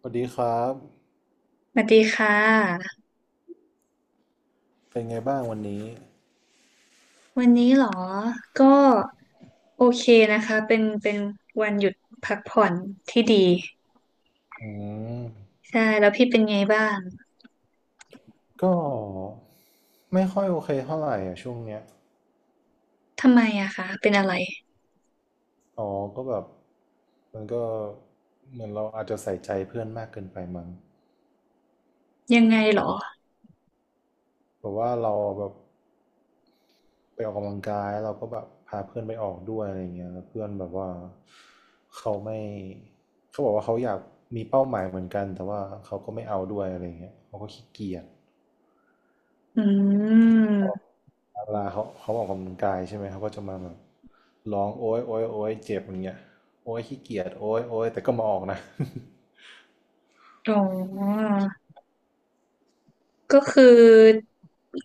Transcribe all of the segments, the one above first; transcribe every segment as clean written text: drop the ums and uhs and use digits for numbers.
สวัสดีครับสวัสดีค่ะเป็นไงบ้างวันนี้วันนี้เหรอก็โอเคนะคะเป็นวันหยุดพักผ่อนที่ดีอืมใช่แล้วพี่เป็นไงบ้างก็ไม่ค่อยโอเคเท่าไหร่อ่ะช่วงเนี้ยทำไมอะคะเป็นอะไรอ๋อก็แบบมันก็เหมือนเราอาจจะใส่ใจเพื่อนมากเกินไปมั้งยังไงเหรอแบบว่าเราแบบไปออกกำลังกายเราก็แบบพาเพื่อนไปออกด้วยอะไรเงี้ยแล้วเพื่อนแบบว่าเขาไม่เขาบอกว่าเขาอยากมีเป้าหมายเหมือนกันแต่ว่าเขาก็ไม่เอาด้วยอะไรเงี้ยเขาก็ขี้เกียจ อืมเวลาเขาออกกำลังกายใช่ไหมเขาก็จะมาแบบร้องโอ๊ยโอ๊ยโอ๊ยเจ็บอย่างเงี้ยโอ๊ยขี้เกียจโอ๊ยโอ๊ยแต่ก็มาออกนะ อ๋อก็คือ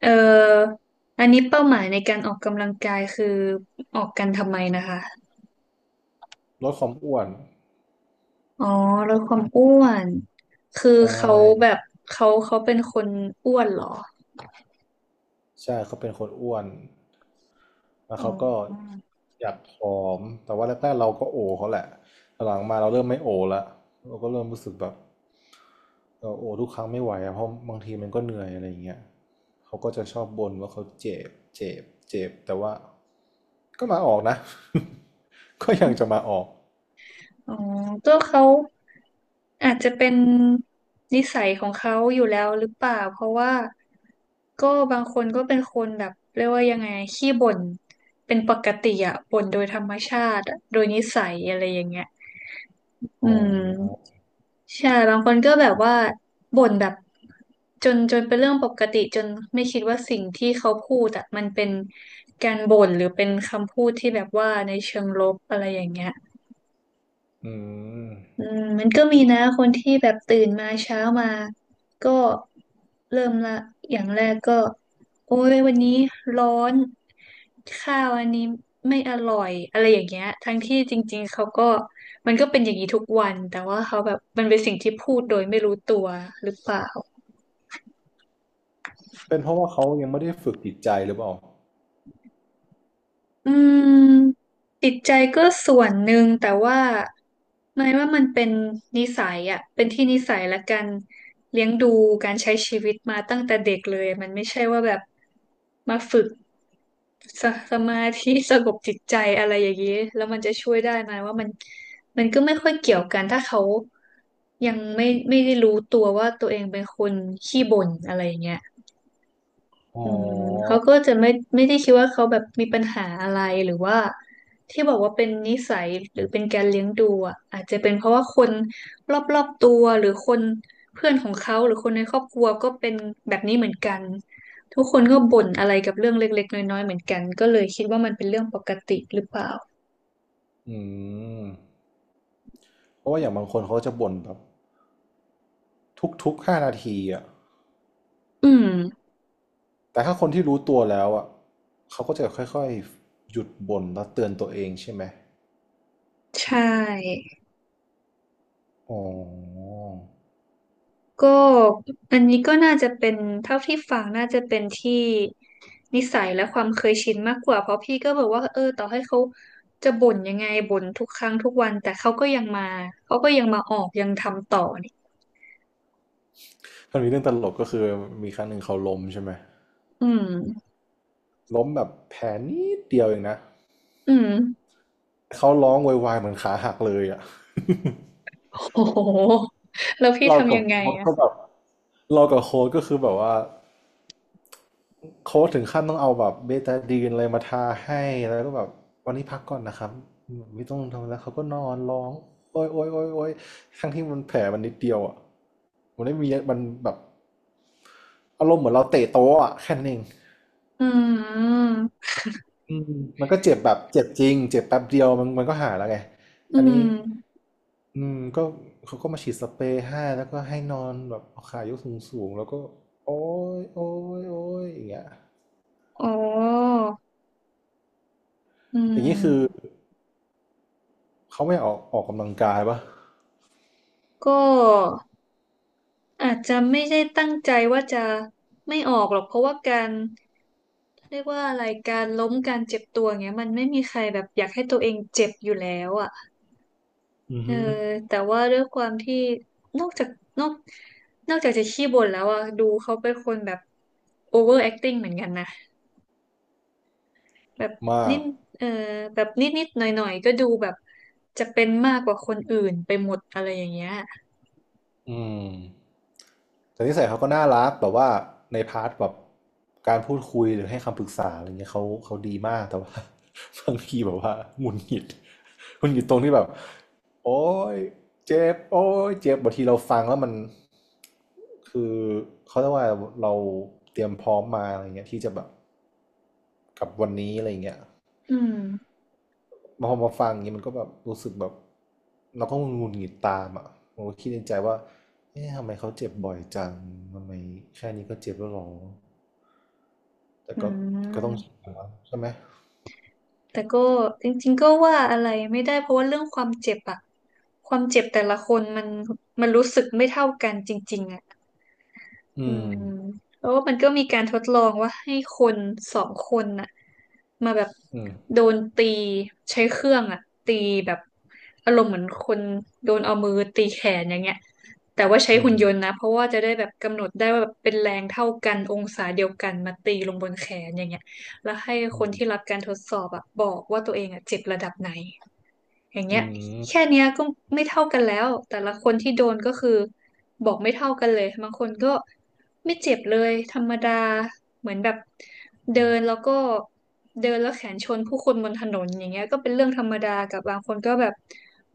เอ่ออันนี้เป้าหมายในการออกกำลังกายคือออกกันทำไมนะคะ ลดความอ้วนอ๋อลดความอ้วนคือใช่ เขาแบบเขาเป็นคนอ้วนเหรอใช่เขาเป็นคนอ้วนแล้วอ๋อ เขาก็อยากผอมแต่ว่าแรกๆเราก็โอเขาแหละหลังๆมาเราเริ่มไม่โอละเราก็เริ่มรู้สึกแบบเราโอทุกครั้งไม่ไหวอะเพราะบางทีมันก็เหนื่อยอะไรอย่างเงี้ยเขาก็จะชอบบ่นว่าเขาเจ็บเจ็บเจ็บแต่ว่าก็มาออกนะ ก็ยังจะมาออกอ๋อก็เขาอาจจะเป็นนิสัยของเขาอยู่แล้วหรือเปล่า เพราะว่าก็บางคนก็เป็นคนแบบเรียกว่ายังไงขี้บ่นเป็นปกติอะบ่นโดยธรรมชาติอะโดยนิสัยอะไรอย่างเงี้ยอือ๋มอใช่บางคนก็แบบว่าบ่นแบบจนเป็นเรื่องปกติจนไม่คิดว่าสิ่งที่เขาพูดอะมันเป็นการบ่นหรือเป็นคำพูดที่แบบว่าในเชิงลบอะไรอย่างเงี้ย อืมอืมมันก็มีนะคนที่แบบตื่นมาเช้ามาก็เริ่มละอย่างแรกก็โอ้ยวันนี้ร้อนข้าวอันนี้ไม่อร่อยอะไรอย่างเงี้ยทั้งที่จริงๆเขาก็มันก็เป็นอย่างนี้ทุกวันแต่ว่าเขาแบบมันเป็นสิ่งที่พูดโดยไม่รู้ตัวหรือเปล่า เป็นเพราะว่าเขายังไม่ได้ฝึกจิตใจหรือเปล่าอืมจิตใจก็ส่วนหนึ่งแต่ว่าไม่ว่ามันเป็นนิสัยอ่ะเป็นที่นิสัยและการเลี้ยงดูการใช้ชีวิตมาตั้งแต่เด็กเลยมันไม่ใช่ว่าแบบมาฝึกสสมาธิสงบจิตใจอะไรอย่างนี้แล้วมันจะช่วยได้ไหมว่ามันมันก็ไม่ค่อยเกี่ยวกันถ้าเขายังไม่ได้รู้ตัวว่าตัวเองเป็นคนขี้บ่นอะไรอย่างเงี้ย อ๋ออืมเขาก็จะไม่ไม่ได้คิดว่าเขาแบบมีปัญหาอะไรหรือว่าที่บอกว่าเป็นนิสัยหรือเป็นการเลี้ยงดูอ่ะอาจจะเป็นเพราะว่าคนรอบตัวหรือคนเพื่อนของเขาหรือคนในครอบครัวก็เป็นแบบนี้เหมือนกันทุกคนก็บ่นอะไรกับเรื่องเล็กๆน้อยๆเหมือนกันก็เลยคิดว่ามันเป็นเรื่องปกติหรือเปล่าอืม เพราะว่าอย่างบางคนเขาจะบ่นแบบทุกๆ5 นาทีอ่ะอืมแต่ถ้าคนที่รู้ตัวแล้วอ่ะเขาก็จะค่อยๆ หยุดบ่นแล้วเตือนตัวเองใช่ไหมใช่ อ๋อก็อันนี้ก็น่าจะเป็นเท่าที่ฟังน่าจะเป็นที่นิสัยและความเคยชินมากกว่าเพราะพี่ก็บอกว่าเออต่อให้เขาจะบ่นยังไงบ่นทุกครั้งทุกวันแต่เขาก็ยังมาเขาก็ยังมาออกยังทำต่อนี่มันมีเรื่องตลกก็คือมีครั้งหนึ่งเขาล้มใช่ไหม อืมล้มแบบแผลนิดเดียวเองนะอืมเขาร้องโวยวายเหมือนขาหักเลยอ่ะโอ้โหแล้วพี่เราทำกัยับงไงโค้ดอะก็แบบเรากับโค้ชก็คือแบบว่า โค้ชถึงขั้นต้องเอาแบบเบตาดีนอะไรมาทาให้แล้วก็แบบวันนี้พักก่อนนะครับไม่ต้องทำแล้วเขาก็นอนร้องโอ๊ยโอ๊ยโอ๊ยโอ๊ยทั้งที่มันแผลมันนิดเดียวอ่ะมันไม่มีมันแบบอารมณ์เหมือนเราเตะโต๊ะอ่ะแค่นั้นเองอืมอืมมันก็เจ็บแบบเจ็บจริงเจ็บแป๊บเดียวมันก็หายแล้วไงอือันนี้มอืมก็เขาก็มาฉีดสเปรย์ให้แล้วก็ให้นอนแบบเอาขายกสูงสูงแล้วก็โอ้ยโอ้ยโอ้ยอย่างเงี้ยอ๋ออือย่างนี้คือ มเขาไม่ออกกำลังกายปะก็อาจจะไม่ได้ตั้งใจว่าจะไม่ออกหรอกเพราะว่าการ เรียกว่าอะไรการล้มการเจ็บตัวเงี้ยมันไม่มีใครแบบอยากให้ตัวเองเจ็บอยู่แล้วอ่ะอือเออฮึแต่ว่าด้วยความที่นอกจากนอกนอกจากจะขี้บ่นแล้วอ่ะดูเขาเป็นคนแบบ over acting เหมือนกันนะแบบมานิกดเออแบบนิดหน่อยหน่อยๆก็ดูแบบจะเป็นมากกว่าคนอื่นไปหมดอะไรอย่างเงี้ยอืมแต่นิสัยเขาก็น่ารักแบบว่าในพาร์ทแบบการพูดคุยหรือให้คำปรึกษาอะไรเงี้ยเขาดีมากแต่ว่า บางทีแบบว่าหงุดหงิดหงุดหงิดตรงที่แบบโอ๊ยเจ็บโอ๊ยเจ็บบางทีเราฟังแล้วมันคือเขาเรียกว่าเราเตรียมพร้อมมาอะไรเงี้ยที่จะแบบกับวันนี้อะไรเงี้ย อืมพอมาฟังอย่างนี้มันก็แบบรู้สึกแบบเราก็งุนหงิดตามอ่ะผมก็คิดในใจว่าเอ๊ะทำไมเขาเจ็บบ่อยจังทำไมแค่นี้ก็เจ็บแล้วหรอแต่อืก็ก็ต้องชิม นแใช่ไหมแต่ก็จริงๆก็ว่าอะไรไม่ได้เพราะว่าเรื่องความเจ็บอะความเจ็บแต่ละคนมันมันรู้สึกไม่เท่ากันจริงๆอะ อือืมมแล้วมันก็มีการทดลองว่าให้คนสองคนน่ะมาแบบอืมโดนตีใช้เครื่องอ่ะตีแบบอารมณ์เหมือนคนโดนเอามือตีแขนอย่างเงี้ยแต่ว่าใช้อืหุ่นมยนต์นะเพราะว่าจะได้แบบกำหนดได้ว่าแบบเป็นแรงเท่ากันองศาเดียวกันมาตีลงบนแขนอย่างเงี้ยแล้วให้คอืนที่รัมบการทดสอบอ่ะบอกว่าตัวเองอ่ะเจ็บระดับไหน อย่างเงี้อืยมแค่เนี้ยก็ไม่เท่ากันแล้วแต่ละคนที่โดนก็คือบอกไม่เท่ากันเลยบางคนก็ไม่เจ็บเลยธรรมดาเหมือนแบบเดินแล้วก็เดินแล้วแขนชนผู้คนบนถนนอย่างเงี้ยก็เป็นเรื่องธรรมดากับบางคนก็แบบ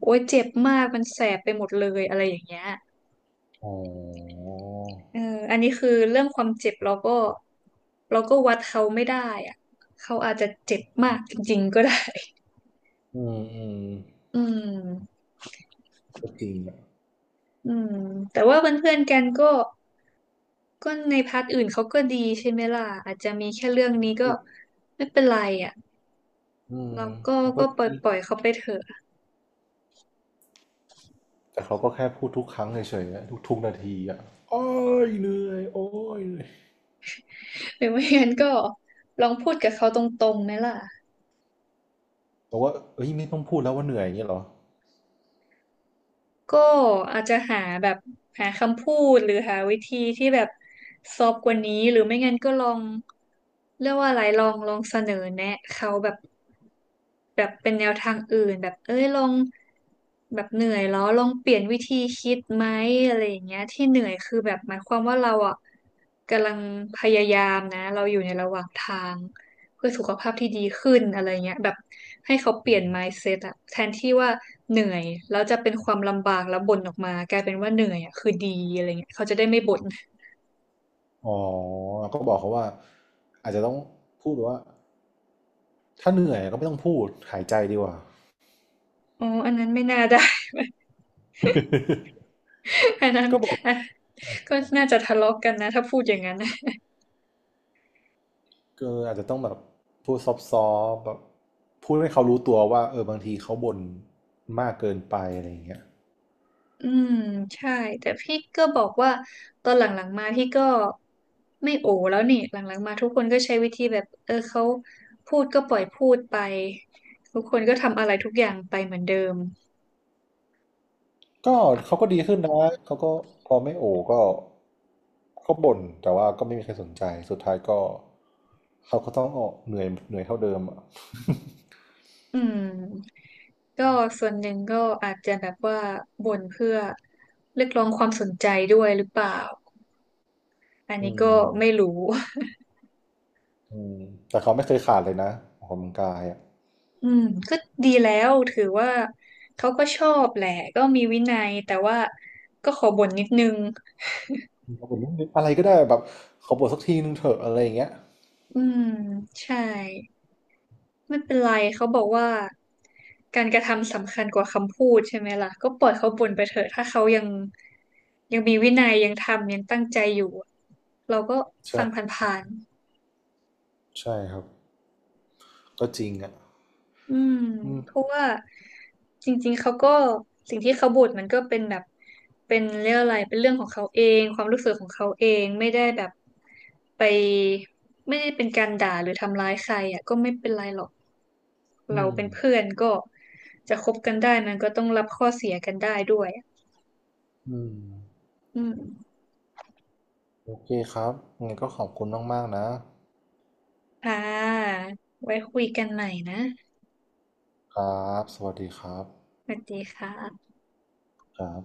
โอ๊ยเจ็บมากมันแสบไปหมดเลยอะไรอย่างเงี้ยอ๋อเอออันนี้คือเรื่องความเจ็บเราก็เราก็วัดเขาไม่ได้อะเขาอาจจะเจ็บมากจริงๆก็ได้ อืมอืมอืมก็จริงอ่ะอืมแต่ว่าเพื่อนๆกันก็ ก็ในพาร์ทอื่นเขาก็ดีใช่ไหมล่ะอาจจะมีแค่เรื่องนี้ก็ไม่เป็นไรอ่ะอืมเราก็มันก็ก็ปล่อยดีปล่อยเขาไปเถอะแต่เขาก็แค่พูดทุกครั้งเฉยๆนะทุกๆนาทีอ่ะโอ้ยเหนื่อยโอ้ยเหนื่อย หรือไม่งั้นก็ลองพูดกับเขาตรงๆไหมล่ะ บอกว่าเอ้ยไม่ต้องพูดแล้วว่าเหนื่อยอย่างนี้เหรอก็อาจจะหาแบบหาคำพูดหรือหาวิธีที่แบบซอฟต์กว่านี้หรือไม่งั้นก็ลองเรียกว่าอะไรลองเสนอแนะเขาแบบแบบเป็นแนวทางอื่นแบบเอ้ยลองแบบเหนื่อยแล้วลองเปลี่ยนวิธีคิดไหมอะไรอย่างเงี้ยที่เหนื่อยคือแบบหมายความว่าเราอ่ะกำลังพยายามนะเราอยู่ในระหว่างทาง เพื่อสุขภาพที่ดีขึ้นอะไรเงี้ยแบบให้เขาเปลี่ยน mindset อะแทนที่ว่าเหนื่อยแล้วจะเป็นความลำบากแล้วบ่นออกมากลายเป็นว่าเหนื่อยอะคือดีอะไรเงี้ยเขาจะได้ไม่บ่นอ๋อก็บอกเขาว่าอาจจะต้องพูดว่าถ้าเหนื่อยก็ไม่ต้องพูดหายใจดีกว่า อ๋ออันนั้นไม่น่าได้ อันนั้นก็บอกอ่ะก็น่าจะทะเลาะกันนะถ้าพูดอย่างนั้น นะเอออาจจะต้องแบบพูดซอฟต์ๆแบบพูดให้เขารู้ตัวว่าเออบางทีเขาบ่นมากเกินไปอะไรอย่างเงี้ยอืมใช่แต่พี่ก็บอกว่าตอนหลังๆมาพี่ก็ไม่โอแล้วนี่หลังๆมาทุกคนก็ใช้วิธีแบบเออเขาพูดก็ปล่อยพูดไปทุกคนก็ทำอะไรทุกอย่างไปเหมือนเดิมก็เขาก็ดีขึ้นนะเขาก็พอไม่โอก็เขาบ่นแต่ว่าก็ไม่มีใครสนใจสุดท้ายก็เขาก็ต้องออกเหนื่อยเท่าเดิมอ่ะอืม ก็ส่วนหนึ่งก็อาจจะแบบว่าบ่นเพื่อเรียกร้องความสนใจด้วยหรือเปล่าอันอืนี้ก็ม ไม่รู้ อืมแต่เขาไม่เคยขาดเลยนะออกกำลังกายอ่ะอืมก็ดีแล้วถือว่าเขาก็ชอบแหละก็มีวินัยแต่ว่าก็ขอบ่นนิดนึงเขาบอกว่าอะไรก็ได้แบบขอปวดสักทีนึงเถอะอะไรอย่างเงี้ยอืมใช่ไม่เป็นไรเขาบอกว่าการกระทำสำคัญกว่าคำพูดใช่ไหมล่ะก็ปล่อยเขาบ่นไปเถอะถ้าเขายังยังมีวินัยยังทำยังตั้งใจอยู่เราก็ฟังผ่านๆ ใช่ครับก็จริงอ่ะอืมอืมเพราะว่าจริงๆเขาก็สิ่งที่เขาบ่นมันก็เป็นแบบเป็นเรื่องอะไรเป็นเรื่องของเขาเองความรู้สึกของเขาเองไม่ได้แบบไปไม่ได้เป็นการด่าหรือทำร้ายใครอ่ะก็ไม่เป็นไรหรอกอืเรามเป็นเพื่อนก็จะคบกันได้มันก็ต้องรับข้อเสียกันได้ด้วยอะอืมอืมโอเคครับงั้นก็ขอบคุณมากๆนะค่ะไว้คุยกันใหม่นะครับสวัสดีครับสวัสดีค่ะครับ